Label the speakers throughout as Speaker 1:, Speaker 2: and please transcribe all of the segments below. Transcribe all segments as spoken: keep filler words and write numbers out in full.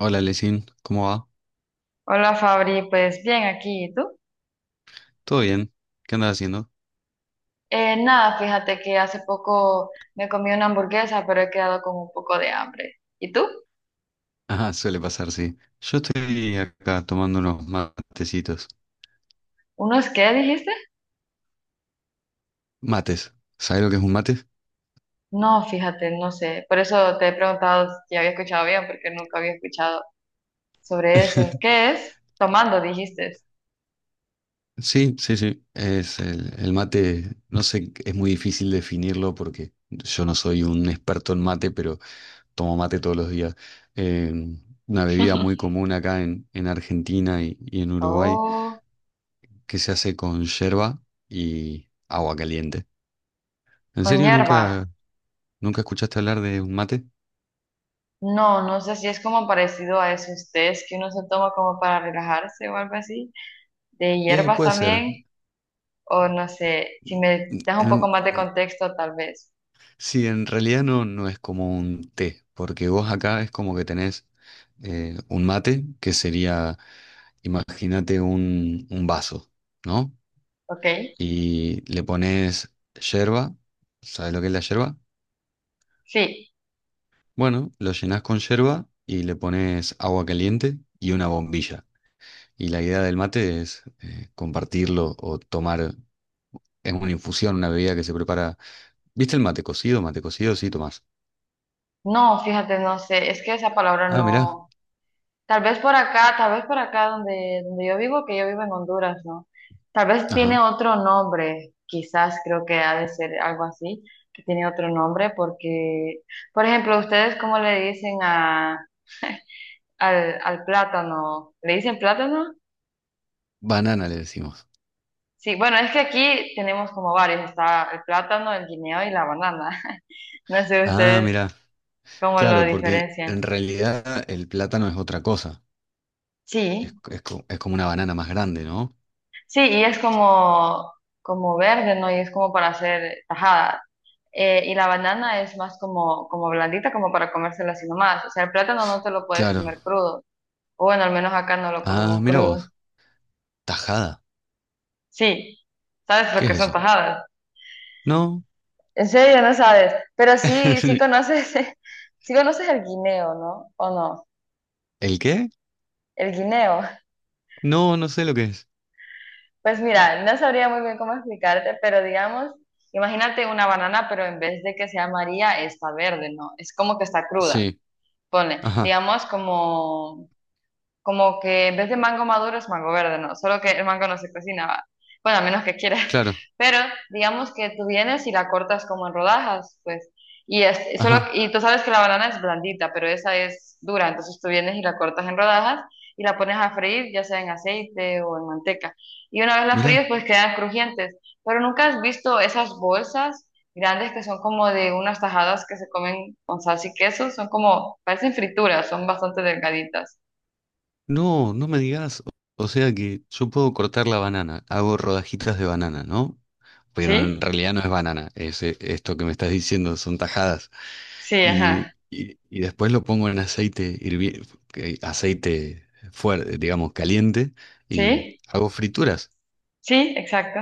Speaker 1: Hola, Lesin, ¿cómo va?
Speaker 2: Hola Fabri, pues bien aquí, ¿y tú?
Speaker 1: ¿Todo bien? ¿Qué andas haciendo?
Speaker 2: Eh, nada, fíjate que hace poco me comí una hamburguesa, pero he quedado con un poco de hambre. ¿Y tú?
Speaker 1: Ah, suele pasar, sí. Yo estoy acá tomando unos matecitos.
Speaker 2: ¿Unos qué dijiste?
Speaker 1: Mates. ¿Sabes lo que es un mate?
Speaker 2: No, fíjate, no sé. Por eso te he preguntado si había escuchado bien, porque nunca había escuchado sobre eso. ¿Qué es? Tomando, dijiste.
Speaker 1: Sí, sí, sí. Es el, el mate, no sé, es muy difícil definirlo porque yo no soy un experto en mate, pero tomo mate todos los días. Eh, una bebida muy común acá en, en Argentina y, y en Uruguay
Speaker 2: Oh,
Speaker 1: que se hace con yerba y agua caliente. ¿En
Speaker 2: con
Speaker 1: serio
Speaker 2: hierba.
Speaker 1: nunca? ¿Nunca escuchaste hablar de un mate?
Speaker 2: No, no sé si es como parecido a esos tés que uno se toma como para relajarse o algo así. De
Speaker 1: Eh,
Speaker 2: hierbas
Speaker 1: puede ser.
Speaker 2: también. O no sé, si me das un poco
Speaker 1: En-
Speaker 2: más de contexto, tal vez.
Speaker 1: sí, en realidad no, no es como un té, porque vos acá es como que tenés eh, un mate, que sería, imagínate un, un vaso, ¿no?
Speaker 2: ¿Ok?
Speaker 1: Y le pones yerba, ¿sabes lo que es la yerba?
Speaker 2: Sí.
Speaker 1: Bueno, lo llenás con yerba y le pones agua caliente y una bombilla. Y la idea del mate es eh, compartirlo o tomar, es una infusión, una bebida que se prepara. ¿Viste el mate cocido? Mate cocido, sí, Tomás.
Speaker 2: No, fíjate, no sé. Es que esa palabra
Speaker 1: Ah, mirá.
Speaker 2: no. Tal vez por acá, tal vez por acá donde, donde yo vivo, que yo vivo en Honduras, ¿no? Tal vez
Speaker 1: Ajá.
Speaker 2: tiene otro nombre. Quizás creo que ha de ser algo así, que tiene otro nombre, porque, por ejemplo, ¿ustedes cómo le dicen a, al, al plátano? ¿Le dicen plátano?
Speaker 1: Banana le decimos.
Speaker 2: Sí, bueno, es que aquí tenemos como varios. Está el plátano, el guineo y la banana. No sé
Speaker 1: Ah,
Speaker 2: ustedes
Speaker 1: mirá.
Speaker 2: cómo lo
Speaker 1: Claro, porque
Speaker 2: diferencian.
Speaker 1: en realidad el plátano es otra cosa. Es,
Speaker 2: Sí,
Speaker 1: es co- es como una banana más grande, ¿no?
Speaker 2: sí, y es como, como verde, ¿no? Y es como para hacer tajada. Eh, y la banana es más como, como blandita, como para comérsela así nomás. O sea, el plátano no te lo puedes
Speaker 1: Claro.
Speaker 2: comer crudo. O bueno, al menos acá no lo
Speaker 1: Ah,
Speaker 2: comemos
Speaker 1: mira
Speaker 2: crudo.
Speaker 1: vos. Tajada.
Speaker 2: Sí, ¿sabes lo
Speaker 1: ¿Qué
Speaker 2: que
Speaker 1: es
Speaker 2: son
Speaker 1: eso?
Speaker 2: tajadas?
Speaker 1: No.
Speaker 2: En serio, no sabes. Pero sí, sí conoces, sí conoces el guineo, ¿no? ¿O no?
Speaker 1: ¿El qué?
Speaker 2: El guineo.
Speaker 1: No, no sé lo que es.
Speaker 2: Pues mira, no sabría muy bien cómo explicarte, pero digamos, imagínate una banana, pero en vez de que sea amarilla, está verde, ¿no? Es como que está cruda.
Speaker 1: Sí.
Speaker 2: Ponle,
Speaker 1: Ajá.
Speaker 2: digamos como, como que en vez de mango maduro es mango verde, ¿no? Solo que el mango no se cocina, ¿va? Bueno, a menos que quieras.
Speaker 1: Claro.
Speaker 2: Pero digamos que tú vienes y la cortas como en rodajas, pues. Y, es, solo,
Speaker 1: Ajá.
Speaker 2: y tú sabes que la banana es blandita, pero esa es dura. Entonces tú vienes y la cortas en rodajas y la pones a freír, ya sea en aceite o en manteca. Y una vez la fríes,
Speaker 1: Mirá.
Speaker 2: pues quedan crujientes. Pero nunca has visto esas bolsas grandes que son como de unas tajadas que se comen con salsa y queso. Son como, parecen frituras, son bastante delgaditas.
Speaker 1: No, no me digas, o sea que yo puedo cortar la banana, hago rodajitas de banana, ¿no? Pero en
Speaker 2: ¿Sí?
Speaker 1: realidad no es banana, es eh, esto que me estás diciendo, son tajadas.
Speaker 2: Sí,
Speaker 1: Y,
Speaker 2: ajá.
Speaker 1: y, y después lo pongo en aceite hirvi- que- aceite fuerte, digamos, caliente, y
Speaker 2: Sí,
Speaker 1: hago frituras.
Speaker 2: sí, exacto.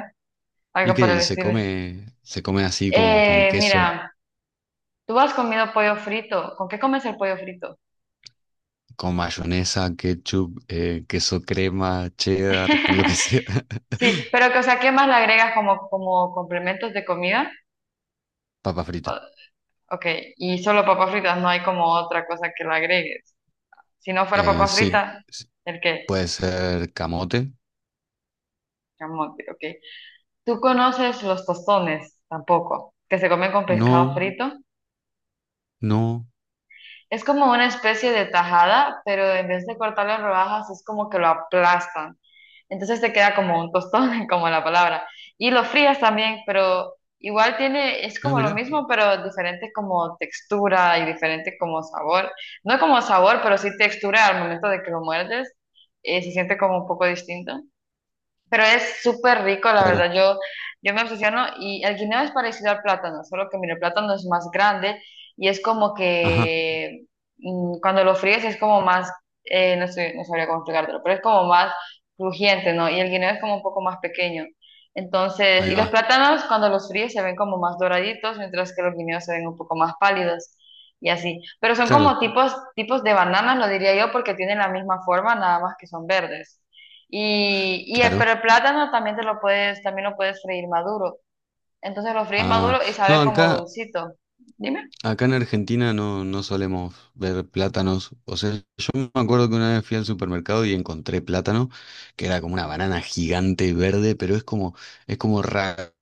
Speaker 1: ¿Y
Speaker 2: Algo
Speaker 1: qué?
Speaker 2: por el
Speaker 1: Y se
Speaker 2: estilo.
Speaker 1: come, se come así como con
Speaker 2: Eh,
Speaker 1: queso,
Speaker 2: mira, tú has comido pollo frito. ¿Con qué comes el pollo frito?
Speaker 1: con mayonesa, ketchup, eh, queso crema, cheddar, con lo que sea.
Speaker 2: Sí, pero que, o sea, ¿qué más le agregas como, como complementos de comida?
Speaker 1: Papa frita.
Speaker 2: O- ok, y solo papas fritas, no hay como otra cosa que le agregues. Si no fuera
Speaker 1: Eh,
Speaker 2: papas
Speaker 1: sí.
Speaker 2: fritas, ¿el qué?
Speaker 1: Puede ser camote.
Speaker 2: Camote, ok. ¿Tú conoces los tostones? Tampoco. Que se comen con pescado
Speaker 1: No,
Speaker 2: frito.
Speaker 1: no.
Speaker 2: Es como una especie de tajada, pero en vez de cortarlo en rodajas, es como que lo aplastan. Entonces te queda como un tostón, como la palabra. Y lo frías también, pero igual tiene, es
Speaker 1: Ah,
Speaker 2: como lo
Speaker 1: mira,
Speaker 2: mismo, pero diferente como textura y diferente como sabor. No como sabor, pero sí textura al momento de que lo muerdes, eh, se siente como un poco distinto. Pero es súper rico, la
Speaker 1: claro.
Speaker 2: verdad. Yo, yo me obsesiono y el guineo es parecido al plátano, solo que mira, el plátano es más grande y es como
Speaker 1: Ajá,
Speaker 2: que mm, cuando lo fríes es como más, eh, no sé, no sabría cómo explicártelo, pero es como más crujiente, ¿no? Y el guineo es como un poco más pequeño. Entonces,
Speaker 1: ahí
Speaker 2: y los
Speaker 1: va.
Speaker 2: plátanos cuando los fríes se ven como más doraditos, mientras que los guineos se ven un poco más pálidos y así. Pero son como
Speaker 1: Claro,
Speaker 2: tipos, tipos de bananas, lo diría yo, porque tienen la misma forma, nada más que son verdes. Y, y el,
Speaker 1: claro.
Speaker 2: pero el plátano también te lo puedes, también lo puedes freír maduro. Entonces lo fríes
Speaker 1: Ah,
Speaker 2: maduro y
Speaker 1: no,
Speaker 2: sabe como
Speaker 1: acá,
Speaker 2: dulcito. Dime.
Speaker 1: acá en Argentina no, no solemos ver plátanos. O sea, yo me acuerdo que una vez fui al supermercado y encontré plátano, que era como una banana gigante verde, pero es como, es como raro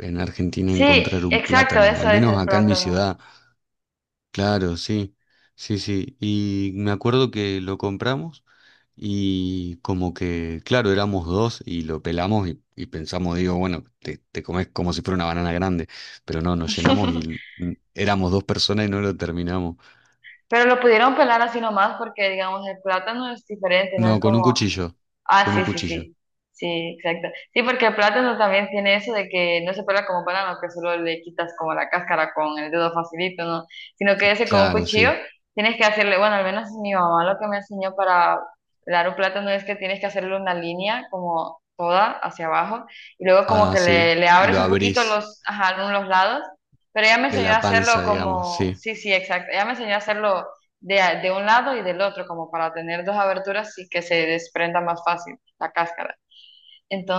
Speaker 1: en Argentina encontrar
Speaker 2: Sí,
Speaker 1: un
Speaker 2: exacto,
Speaker 1: plátano.
Speaker 2: eso
Speaker 1: Al
Speaker 2: es
Speaker 1: menos
Speaker 2: el
Speaker 1: acá en mi
Speaker 2: plátano.
Speaker 1: ciudad. Claro, sí, sí, sí. Y me acuerdo que lo compramos y como que, claro, éramos dos y lo pelamos y, y pensamos, digo, bueno, te, te comes como si fuera una banana grande, pero no, nos llenamos y mm, éramos dos personas y no lo terminamos.
Speaker 2: Pero lo pudieron pelar así nomás porque, digamos, el plátano es diferente, no
Speaker 1: No,
Speaker 2: es
Speaker 1: con un
Speaker 2: como
Speaker 1: cuchillo,
Speaker 2: Ah,
Speaker 1: con un
Speaker 2: sí, sí,
Speaker 1: cuchillo.
Speaker 2: sí. Sí, exacto. Sí, porque el plátano también tiene eso de que no se pela como banano, que solo le quitas como la cáscara con el dedo facilito, ¿no? Sino que ese con un
Speaker 1: Claro,
Speaker 2: cuchillo
Speaker 1: sí.
Speaker 2: tienes que hacerle, bueno, al menos mi mamá lo que me enseñó para pelar un plátano es que tienes que hacerle una línea como toda hacia abajo y luego como
Speaker 1: Ah,
Speaker 2: que
Speaker 1: sí.
Speaker 2: le, le
Speaker 1: Y
Speaker 2: abres
Speaker 1: lo
Speaker 2: un poquito
Speaker 1: abrís
Speaker 2: los, ajá, los lados, pero ella me
Speaker 1: de
Speaker 2: enseñó a
Speaker 1: la
Speaker 2: hacerlo
Speaker 1: panza, digamos,
Speaker 2: como,
Speaker 1: sí.
Speaker 2: sí, sí, exacto. Ella me enseñó a hacerlo de, a- de un lado y del otro, como para tener dos aberturas y que se desprenda más fácil la cáscara.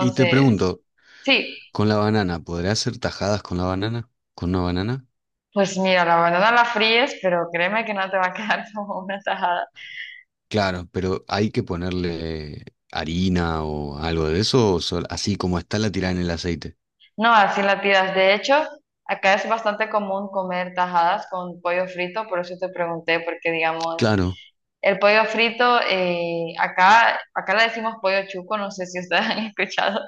Speaker 1: Y te pregunto,
Speaker 2: sí,
Speaker 1: ¿con la banana, podrás hacer tajadas con la banana? ¿Con una banana?
Speaker 2: pues mira, la banana la fríes, pero créeme que no te va a quedar como una tajada.
Speaker 1: Claro, pero hay que ponerle harina o algo de eso, o sol- así como está la tirada en el aceite.
Speaker 2: No, así la tiras. De hecho, acá es bastante común comer tajadas con pollo frito, por eso te pregunté, porque digamos...
Speaker 1: Claro,
Speaker 2: El pollo frito, eh, acá, acá le decimos pollo chuco, no sé si ustedes han escuchado.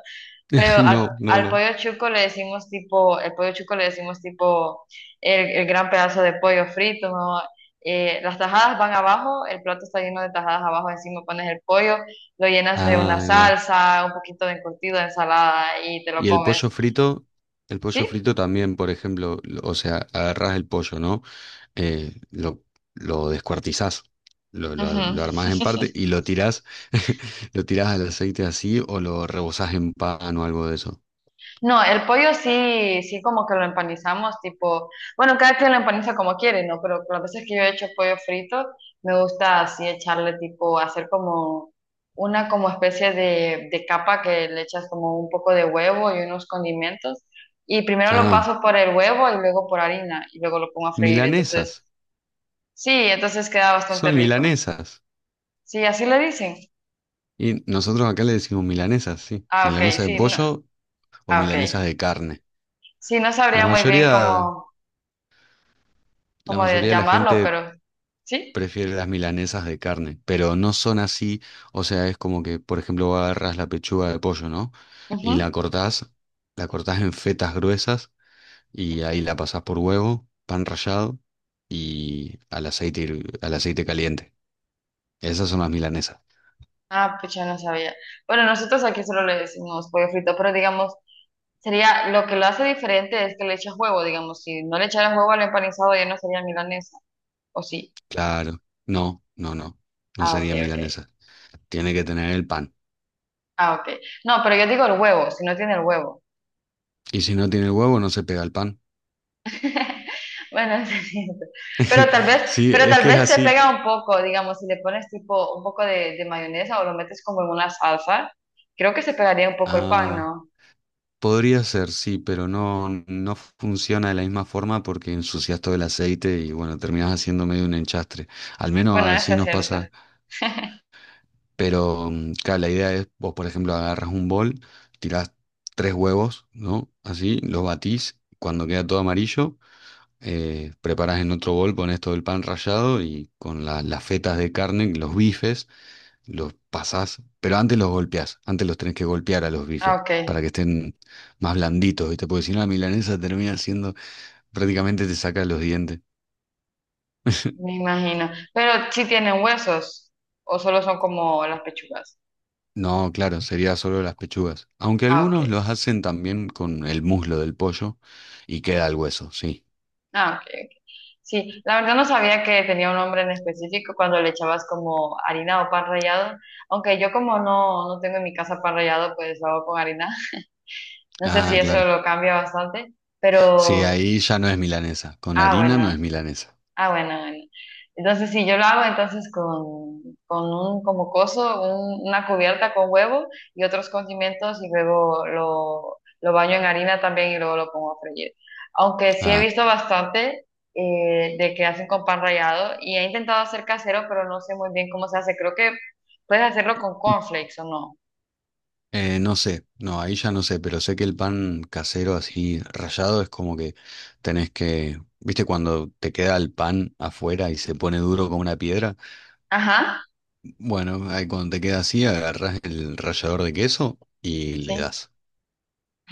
Speaker 2: Pero al,
Speaker 1: no, no,
Speaker 2: al
Speaker 1: no.
Speaker 2: pollo chuco le decimos tipo, el pollo chuco le decimos tipo el, el gran pedazo de pollo frito, ¿no? Eh, las tajadas van abajo, el plato está lleno de tajadas abajo, encima pones el pollo, lo llenas de
Speaker 1: Ah,
Speaker 2: una
Speaker 1: ahí va.
Speaker 2: salsa, un poquito de encurtido, de ensalada y te lo
Speaker 1: Y el
Speaker 2: comes.
Speaker 1: pollo frito, el pollo
Speaker 2: ¿Sí?
Speaker 1: frito también, por ejemplo, lo- o sea, agarrás el pollo, ¿no? Eh, lo, lo descuartizás, lo, lo,
Speaker 2: Ujú.
Speaker 1: lo armás en parte y lo tirás, lo tirás al aceite así o lo rebozás en pan o algo de eso.
Speaker 2: No, el pollo sí, sí como que lo empanizamos, tipo, bueno, cada quien lo empaniza como quiere, ¿no? Pero las veces que yo he hecho pollo frito, me gusta así echarle tipo, hacer como una como especie de, de capa que le echas como un poco de huevo y unos condimentos. Y primero lo
Speaker 1: Ah,
Speaker 2: paso por el huevo y luego por harina y luego lo pongo a freír. Entonces,
Speaker 1: milanesas,
Speaker 2: sí, entonces queda
Speaker 1: son
Speaker 2: bastante rico.
Speaker 1: milanesas.
Speaker 2: Sí, así le dicen.
Speaker 1: Y nosotros acá le decimos milanesas, sí.
Speaker 2: Ah, ok,
Speaker 1: Milanesa de
Speaker 2: sí, no,
Speaker 1: pollo o
Speaker 2: ah, ok.
Speaker 1: milanesas de carne.
Speaker 2: Sí, no
Speaker 1: La
Speaker 2: sabría muy bien
Speaker 1: mayoría,
Speaker 2: cómo,
Speaker 1: la
Speaker 2: cómo de-
Speaker 1: mayoría de la
Speaker 2: llamarlo,
Speaker 1: gente
Speaker 2: pero sí.
Speaker 1: prefiere las milanesas de carne, pero no son así. O sea, es como que, por ejemplo, vos agarrás la pechuga de pollo, ¿no?
Speaker 2: Ujú.
Speaker 1: Y la cortás, la cortás en fetas gruesas y ahí la pasás por huevo, pan rallado y al aceite, hirv- al aceite caliente. Esas son las milanesas.
Speaker 2: Ah, pues ya no sabía. Bueno, nosotros aquí solo le decimos pollo frito, pero digamos, sería lo que lo hace diferente es que le echas huevo, digamos, si no le echaras huevo al empanizado ya no sería milanesa, ¿o sí?
Speaker 1: Claro. No, no, no. No
Speaker 2: Ah, ok,
Speaker 1: sería
Speaker 2: ok.
Speaker 1: milanesa. Tiene que tener el pan.
Speaker 2: Ah, ok. No, pero yo digo el huevo, si no tiene el huevo.
Speaker 1: Y si no tiene huevo, no se pega el pan.
Speaker 2: Bueno, es cierto. Pero tal vez,
Speaker 1: Sí,
Speaker 2: pero
Speaker 1: es
Speaker 2: tal
Speaker 1: que es
Speaker 2: vez se
Speaker 1: así.
Speaker 2: pega un poco, digamos, si le pones tipo un poco de, de mayonesa o lo metes como en una salsa, creo que se pegaría un poco el pan,
Speaker 1: Ah,
Speaker 2: ¿no?
Speaker 1: podría ser, sí, pero no, no funciona de la misma forma porque ensucias todo el aceite y bueno, terminas haciendo medio un enchastre. Al menos
Speaker 2: Bueno, eso
Speaker 1: así
Speaker 2: es
Speaker 1: nos
Speaker 2: cierto.
Speaker 1: pasa. Pero mm, claro, la idea es, vos por ejemplo, agarras un bol, tirás tres huevos, ¿no? Así, los batís. Cuando queda todo amarillo, eh, preparás en otro bol, pones todo el pan rallado y con la- las fetas de carne, los bifes. Los pasás, pero antes los golpeás, antes los tenés que golpear a los bifes
Speaker 2: Ah, ok.
Speaker 1: para que estén más blanditos, ¿viste? Porque si no, la milanesa termina siendo, prácticamente te saca los dientes.
Speaker 2: Me imagino. Pero sí tienen huesos o solo son como las pechugas.
Speaker 1: No, claro, sería solo las pechugas. Aunque
Speaker 2: Ah,
Speaker 1: algunos
Speaker 2: ok.
Speaker 1: los hacen también con el muslo del pollo y queda el hueso, sí.
Speaker 2: Ah, ok, ok. Sí, la verdad no sabía que tenía un nombre en específico cuando le echabas como harina o pan rallado. Aunque yo como no, no tengo en mi casa pan rallado, pues lo hago con harina. No sé si
Speaker 1: Ah,
Speaker 2: eso
Speaker 1: claro.
Speaker 2: lo cambia bastante,
Speaker 1: Sí,
Speaker 2: pero...
Speaker 1: ahí ya no es milanesa. Con
Speaker 2: Ah,
Speaker 1: harina no
Speaker 2: bueno.
Speaker 1: es milanesa.
Speaker 2: Ah, bueno, bueno. Entonces, si yo lo hago entonces con, con un como coso, un- una cubierta con huevo y otros condimentos y luego lo, lo baño en harina también y luego lo pongo a freír. Aunque sí he
Speaker 1: Ah,
Speaker 2: visto bastante eh, de que hacen con pan rallado y he intentado hacer casero, pero no sé muy bien cómo se hace. Creo que puedes hacerlo con cornflakes o no.
Speaker 1: Eh, no sé, no, ahí ya no sé, pero sé que el pan casero así rallado es como que tenés que, viste, cuando te queda el pan afuera y se pone duro como una piedra,
Speaker 2: Ajá,
Speaker 1: bueno, ahí cuando te queda así, agarrás el rallador de queso y le
Speaker 2: sí.
Speaker 1: das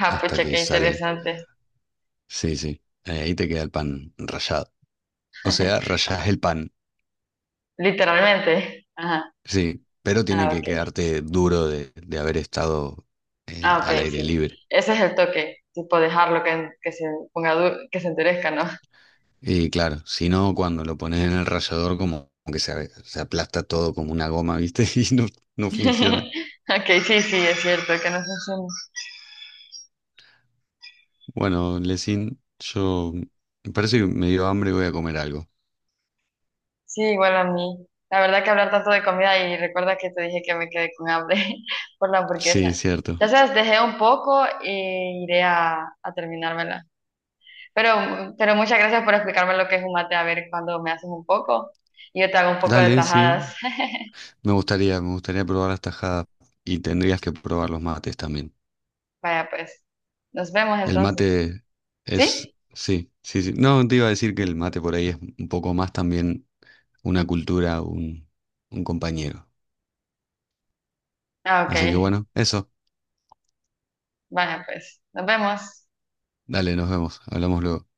Speaker 2: Ah,
Speaker 1: hasta
Speaker 2: pucha,
Speaker 1: que
Speaker 2: qué
Speaker 1: sale.
Speaker 2: interesante.
Speaker 1: Sí, sí, eh, ahí te queda el pan rallado. O sea, rallás el pan,
Speaker 2: Literalmente. Ajá.
Speaker 1: sí, pero tiene
Speaker 2: Ah, ok.
Speaker 1: que quedarte duro de, de haber estado eh,
Speaker 2: Ah,
Speaker 1: al
Speaker 2: ok,
Speaker 1: aire
Speaker 2: sí.
Speaker 1: libre.
Speaker 2: Ese es el toque, tipo dejarlo que, que se ponga du- que se enterezca, ¿no?
Speaker 1: Y claro, si no, cuando lo pones en el rallador, como que se, se aplasta todo como una goma, ¿viste? Y no, no funciona.
Speaker 2: Ok, sí, sí, es cierto, que no funciona.
Speaker 1: Bueno, Lesin, yo me parece que me dio hambre y voy a comer algo.
Speaker 2: Sí, igual a mí. La verdad que hablar tanto de comida y recuerda que te dije que me quedé con hambre por la
Speaker 1: Sí,
Speaker 2: hamburguesa.
Speaker 1: cierto.
Speaker 2: Ya sabes, dejé un poco e iré a, a terminármela. Pero, pero muchas gracias por explicarme lo que es un mate, a ver cuando me haces un poco y yo te hago un poco de
Speaker 1: Dale, sí.
Speaker 2: tajadas.
Speaker 1: Me gustaría, me gustaría probar las tajadas y tendrías que probar los mates también.
Speaker 2: Vaya, pues, nos vemos
Speaker 1: El
Speaker 2: entonces.
Speaker 1: mate es,
Speaker 2: ¿Sí?
Speaker 1: sí, sí, sí. No, te iba a decir que el mate por ahí es un poco más también una cultura, un, un compañero.
Speaker 2: Ah,
Speaker 1: Así que
Speaker 2: ok.
Speaker 1: bueno, eso.
Speaker 2: Vaya, pues, nos vemos.
Speaker 1: Dale, nos vemos. Hablamos luego.